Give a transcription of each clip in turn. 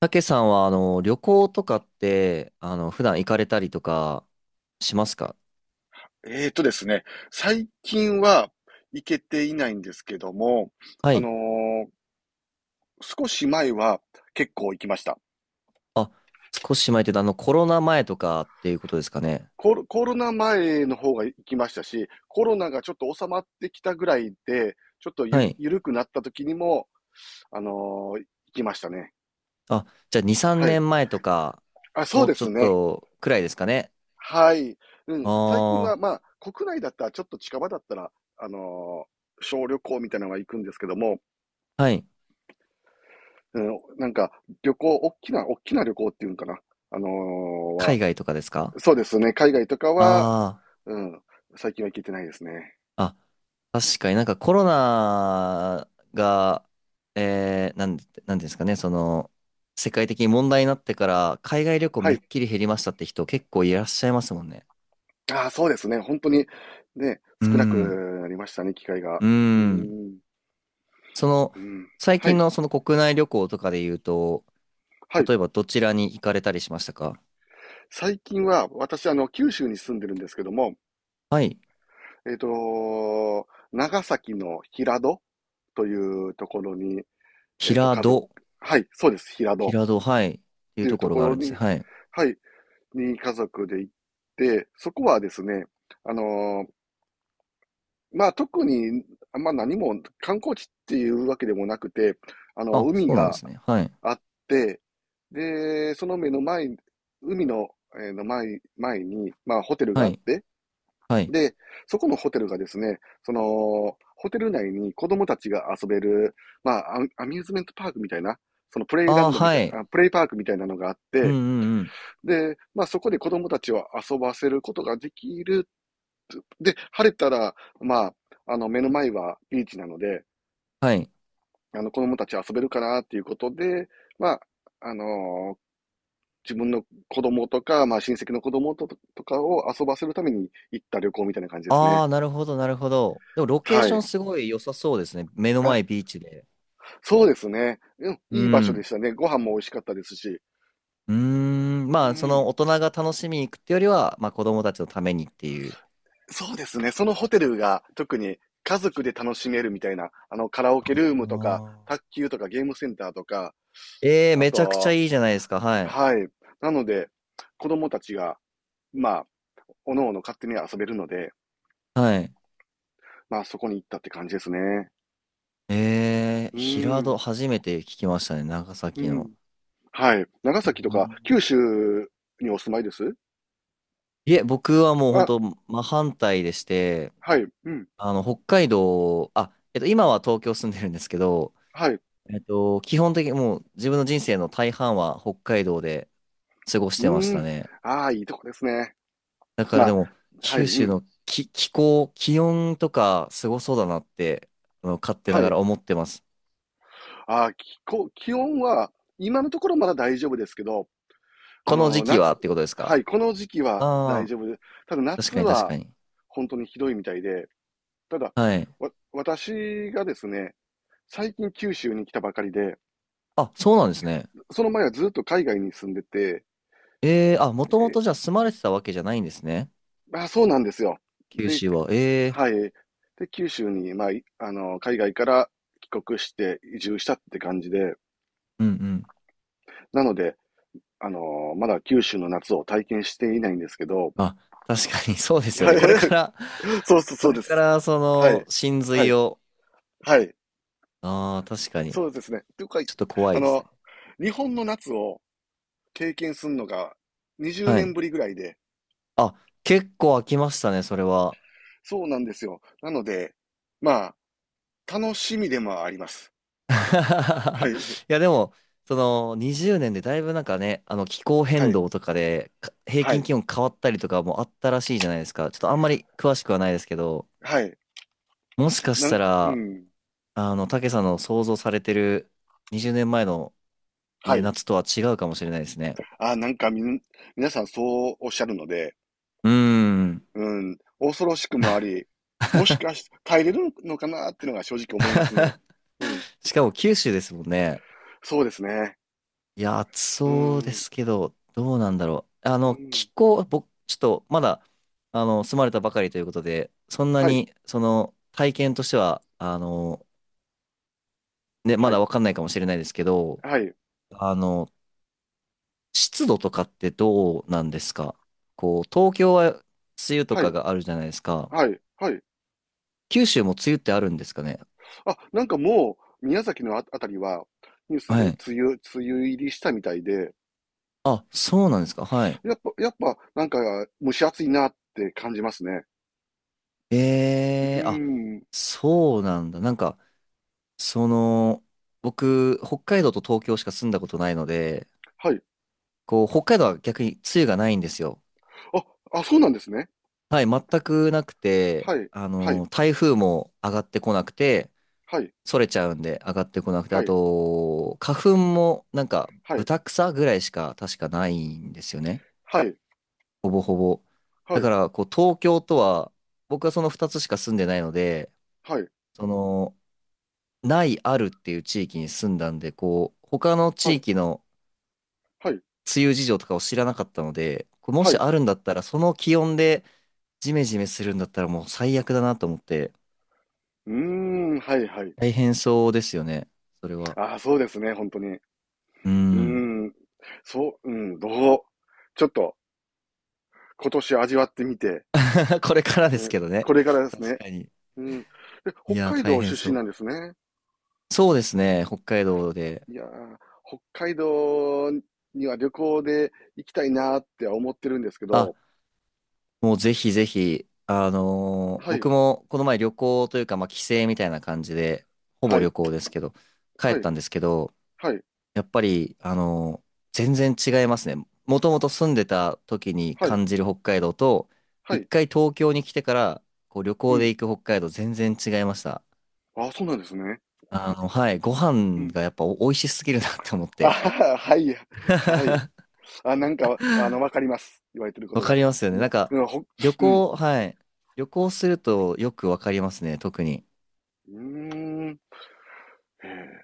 たけさんは、旅行とかって、普段行かれたりとかしますか？えーとですね、最近は行けていないんですけども、はあのい。ー少し前は結構行きました。あ、少し前って言うと、コロナ前とかっていうことですかね。コロナ前の方が行きましたし、コロナがちょっと収まってきたぐらいで、ちょっとゆはる、い。ゆるくなった時にも、あの行きましたね。あ、じゃあ2、3はい。年前とか、あ、そうもうでちょすっね。とくらいですかね。はい。うん。最近は、あまあ、国内だったら、ちょっと近場だったら、あのー小旅行みたいなのが行くんですけども、あ、はい。うん、なんか、旅行、大きな、大きな旅行っていうんかな。あのーは、海外とかですか？そうですね。海外とかは、あうん、最近は行けてないですね。あー、あ、確かになんかコロナが、えー、なん、なんですかね、その、世界的に問題になってから、海外旅行はめい。っきり減りましたって人結構いらっしゃいますもんね。ああ、そうですね。本当に、ね、う少なくん。なりましたね、機会が。ううーん。ん、その、うん。最は近い、のその国内旅行とかで言うと、はい。例えばどちらに行かれたりしましたか？最近は、私、あの、九州に住んでるんですけども、はい。えっと、長崎の平戸というところに、えっと、平戸。はい、そうです、平戸っ平戸、はい。っていうていうとところこがあろるんですに、ね。はい。はい、に家族で行って、そこはですね、あのーまあ、特に、まあ、何も観光地っていうわけでもなくて、あの、あ、海そうなんでがすね。はい。あって、で、その目の前、海の、えーの前、前に、まあ、ホテルがはあっい。て、はい。で、そこのホテルがですね、その、ホテル内に子供たちが遊べる、まあ、アミューズメントパークみたいな、そのプレイラああ、ンドみたはいい。な、あプレイパークみたいなのがあっうんて、うんうん。で、まあそこで子供たちを遊ばせることができる。で、晴れたら、まあ、あの目の前はビーチなので、はい。あの子供たち遊べるかなっていうことで、まあ、あのー自分の子供とか、まあ親戚の子供ととかを遊ばせるために行った旅行みたいな感じですね。ああ、なるほど、なるほど。でも、ロケーはショい。ンすごい良さそうですね。目のあ、前ビーチで。そうですね。うん、ういい場所でん。したね。ご飯も美味しかったですし。うーん。うまあ、そん。の大人が楽しみに行くってよりは、まあ、子供たちのためにっていう。そうですね。そのホテルが特に家族で楽しめるみたいな、あの、カラオケルームとか、あ、卓球とかゲームセンターとか、えー、あめちゃくちゃと、いいじゃないですか。はい。はい。なので、子供たちが、まあ、おのおの勝手に遊べるので、はい。まあ、そこに行ったって感じですね。ええー、うー平戸、ん。初めて聞きましたね。長う崎の。ん。はい。長う崎とかん、九州にお住まいです？いえ、僕はもう本あ、当、真反対でして、はい。うん。北海道、今は東京住んでるんですけど、はい。うえっと、基本的にもう自分の人生の大半は北海道で過ごしーてましたん。ね。ああ、いいとこですね。だからまであ、も、はい。九う州ん。の気候、気温とかすごそうだなって、勝手なはがい。ら思ってます。あーきこ気温は、今のところまだ大丈夫ですけど、あこの時の、期夏、はってことですはか？い、この時期は大ああ丈夫で、ただー、確夏かに確はかに。本当にひどいみたいで、ただ、はい。私がですね、最近九州に来たばかりで、あ、そうなんですね。その前はずっと海外に住んでて、ええ、あ、もともえとじゃあ住まれてたわけじゃないんですね。あ、そうなんですよ。九で、州は。えはえ、い。で、九州に、まあ、海外から帰国して移住したって感じで、うんうん。なので、あの、まだ九州の夏を体験していないんですけど、あ、確かにそうですよはね。い。これか ら、そこうれでかす。らそはい。の、真は髄い。を、はい。ああ、確かに。そうですね。というか、ちょっと怖あいですの、ね。日本の夏を経験するのが20は年い。ぶりぐらいで、あ、結構飽きましたね、それは。そうなんですよ。なので、まあ、楽しみでもあります。はい。いや、でも、その20年でだいぶなんかね、あの気候は変い。動とかでか平は均い。気温変わったりとかもあったらしいじゃないですか。ちょっとあんまり詳しくはないですけど、はい。もしかしたうら、ん。竹さんの想像されてる20年前のはね、い。夏とは違うかもしれないですね。あ、なんかみん、皆さんそうおっしゃるので、うーん。うん。恐ろしくもあり、もしかし、耐えれるのかなっていうのが正直思いますね。うん。しかも九州ですもんね。そうですね。いや、暑うそうでん。すけど、どうなんだろう。うん。気候、僕、ちょっとまだ、住まれたばかりということで、そんなはい。に、その、体験としては、ね、まはい。だわかんないかもしれないですけど、はい。あの、湿度とかってどうなんですか？こう、東京は梅雨とはかい。があるじゃないですか。はい。はい。九州も梅雨ってあるんですかね？あ、なんかもう、宮崎のあ、あたりは、ニュースはでい。梅雨、梅雨入りしたみたいで、あ、そうなんですか。はい。やっぱ、なんか、蒸し暑いなって感じますね。うえー、あ、ーん。そうなんだ。なんか、その、僕、北海道と東京しか住んだことないので、はい。こう、北海道は逆に梅雨がないんですよ。あ、あ、そうなんですね。はい、全くなくて、はい。はい。台風も上がってこなくて、はい。それちゃうんで上がってこなくて、あはと、花粉もなんか、い。豚草ぐらいしか確かないんですよね。はい。ほぼほぼ。だはい。から、こう、東京とは、僕はその2つしか住んでないので、はい。その、ないあるっていう地域に住んだんで、こう、他のはい。地は域い。のはい。梅雨事情とかを知らなかったので、これもはしい。あるんだったら、その気温でジメジメするんだったらもう最悪だなと思って、うーん。はい。はい。大変そうですよね。それは。ああ、そうですね。本当に。ううーん。ん。そう、うん。うちょっと、今年味わってみて、これからうですん、けどね。これからですね。確かに。うん。で、い北や、海大道変出そ身う。なんですね。そうですね、北海道で。いやー、北海道には旅行で行きたいなーって思ってるんですけあ、ど、もうぜひぜひ、あのーはい、僕もこの前旅行というか、まあ帰省みたいな感じで、ほぼはい、旅行ですけど、帰はっい、たんですけど、はい、やっぱり、全然違いますね。もともと住んでた時にはい、感じる北海道と、は一い、回東京に来てから、こう旅う行でん。行く北海道全然違いました。あ、そうなんですね。はい、ごう飯ん。がやっぱお美味しすぎるなって思っあて。はは、はい、はい。あ、なんか、あの、わかります。言われてるこわとかが。りますよね。うん、なんか、うんほ、旅うん。行、はい。旅行するとよくわかりますね、特に。うーん。へえ、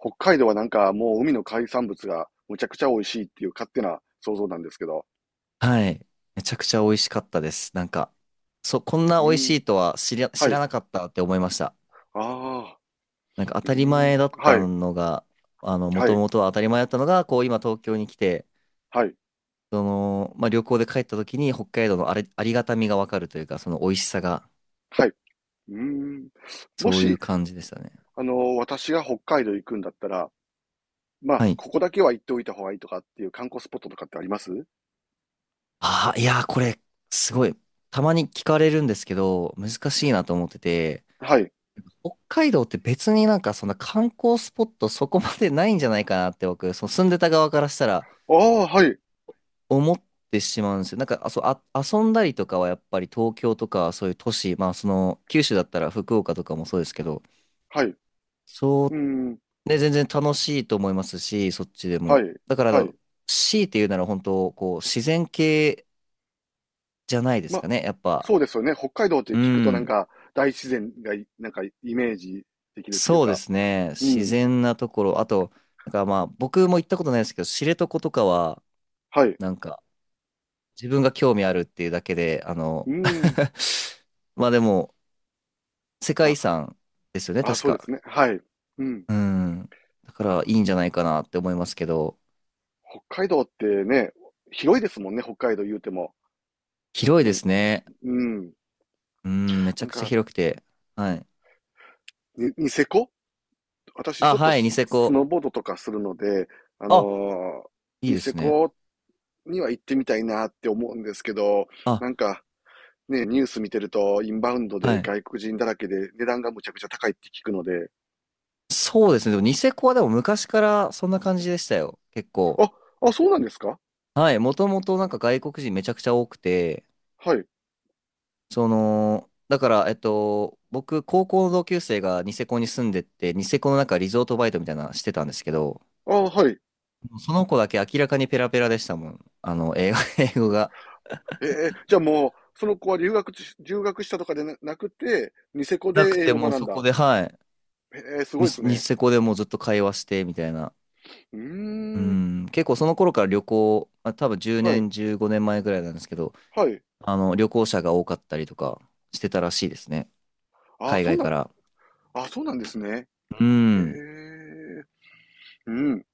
北海道はなんかもう海の海産物がむちゃくちゃ美味しいっていう勝手な想像なんですけど。はい。めちゃくちゃ美味しかったです。なんか、こんなう美味しん。いとは知りゃ、は知らい。なかったって思いました。ああ、なんか当うーたりん、前だっはたい、のが、もはとい、もとは当たり前だったのが、こう今東京に来て、はい、その、まあ、旅行で帰った時に北海道のあれ、ありがたみがわかるというか、その美味しさが、はい。うーん。もそういし、う感じでしたね。あの、私が北海道行くんだったら、まあ、はい。ここだけは行っておいた方がいいとかっていう観光スポットとかってあります？ああ、いやー、これ、すごい。たまに聞かれるんですけど、難しいなと思ってて、はい。北海道って別になんかそんな観光スポットそこまでないんじゃないかなって僕、その住んでた側からしたらああ、はい、思ってしまうんですよ。なんか、あ、遊んだりとかはやっぱり東京とかそういう都市、まあその九州だったら福岡とかもそうですけど、はい。うそーん、ね、全然楽しいと思いますし、そっちではも。い、だかはい。ら、強いて言うなら本当、こう、自然系じゃないですま、かね、やっぱ。そうですよね。北海道ってう聞くとなんん。か、大自然がい、なんか、イメージできるっていうそうでか。すね。う自ん、然なところ。あと、なんかまあ僕も行ったことないですけど、知床とかは、はい。なんか自分が興味あるっていうだけで、あうの ーん、まあでも、世界ま遺産ですよね、あ、あ、確そうですか。ね。はい。うん。うん。だかま、らいいんじゃないかなって思いますけど、北海道ってね、広いですもんね、北海道言うても。本当広いでに。すね。うん。うん、めちなゃんくちゃか、広くて。はい。ニセコ、私ちあ、ょっとはい、ニスセスノコ。ーボードとかするので、あのあ、ーいいニでセすね。コには行ってみたいなって思うんですけど、あ、なんかね、ニュース見てるとインバウンドはでい。外国人だらけで値段がむちゃくちゃ高いって聞くので、そうですね。でもニセコはでも昔からそんな感じでしたよ。結構。あ、あ、そうなんですか？はい。もともとなんか外国人めちゃくちゃ多くて、はい。その、だから、えっと、僕、高校の同級生がニセコに住んでて、ニセコのなんかリゾートバイトみたいなのしてたんですけど、あ、はい。その子だけ明らかにペラペラでしたもん。英語、英語が。ええ、じゃあもう、その子は留学し、留学したとかでななくて、ニセコでなく英て語をもう学んそこだ。で、はい。ええ、すごミいでスす子ね。セコでもうずっと会話して、みたいな。ううーん。ん。結構その頃から旅行、あ、多分10はい。年、15年前ぐらいなんですけど、はい。旅行者が多かったりとかしてたらしいですね。あ、海そう外なんから。あ、そうなんですね。うへん。え。うん。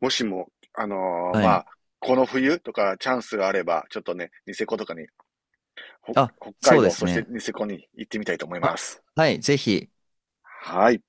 もしも、はまい。あ、この冬とかチャンスがあれば、ちょっとね、ニセコとかに、あ、北海そうで道、すそしてね。ニセコに行ってみたいと思いまあ、す。はい。ぜひ。はい。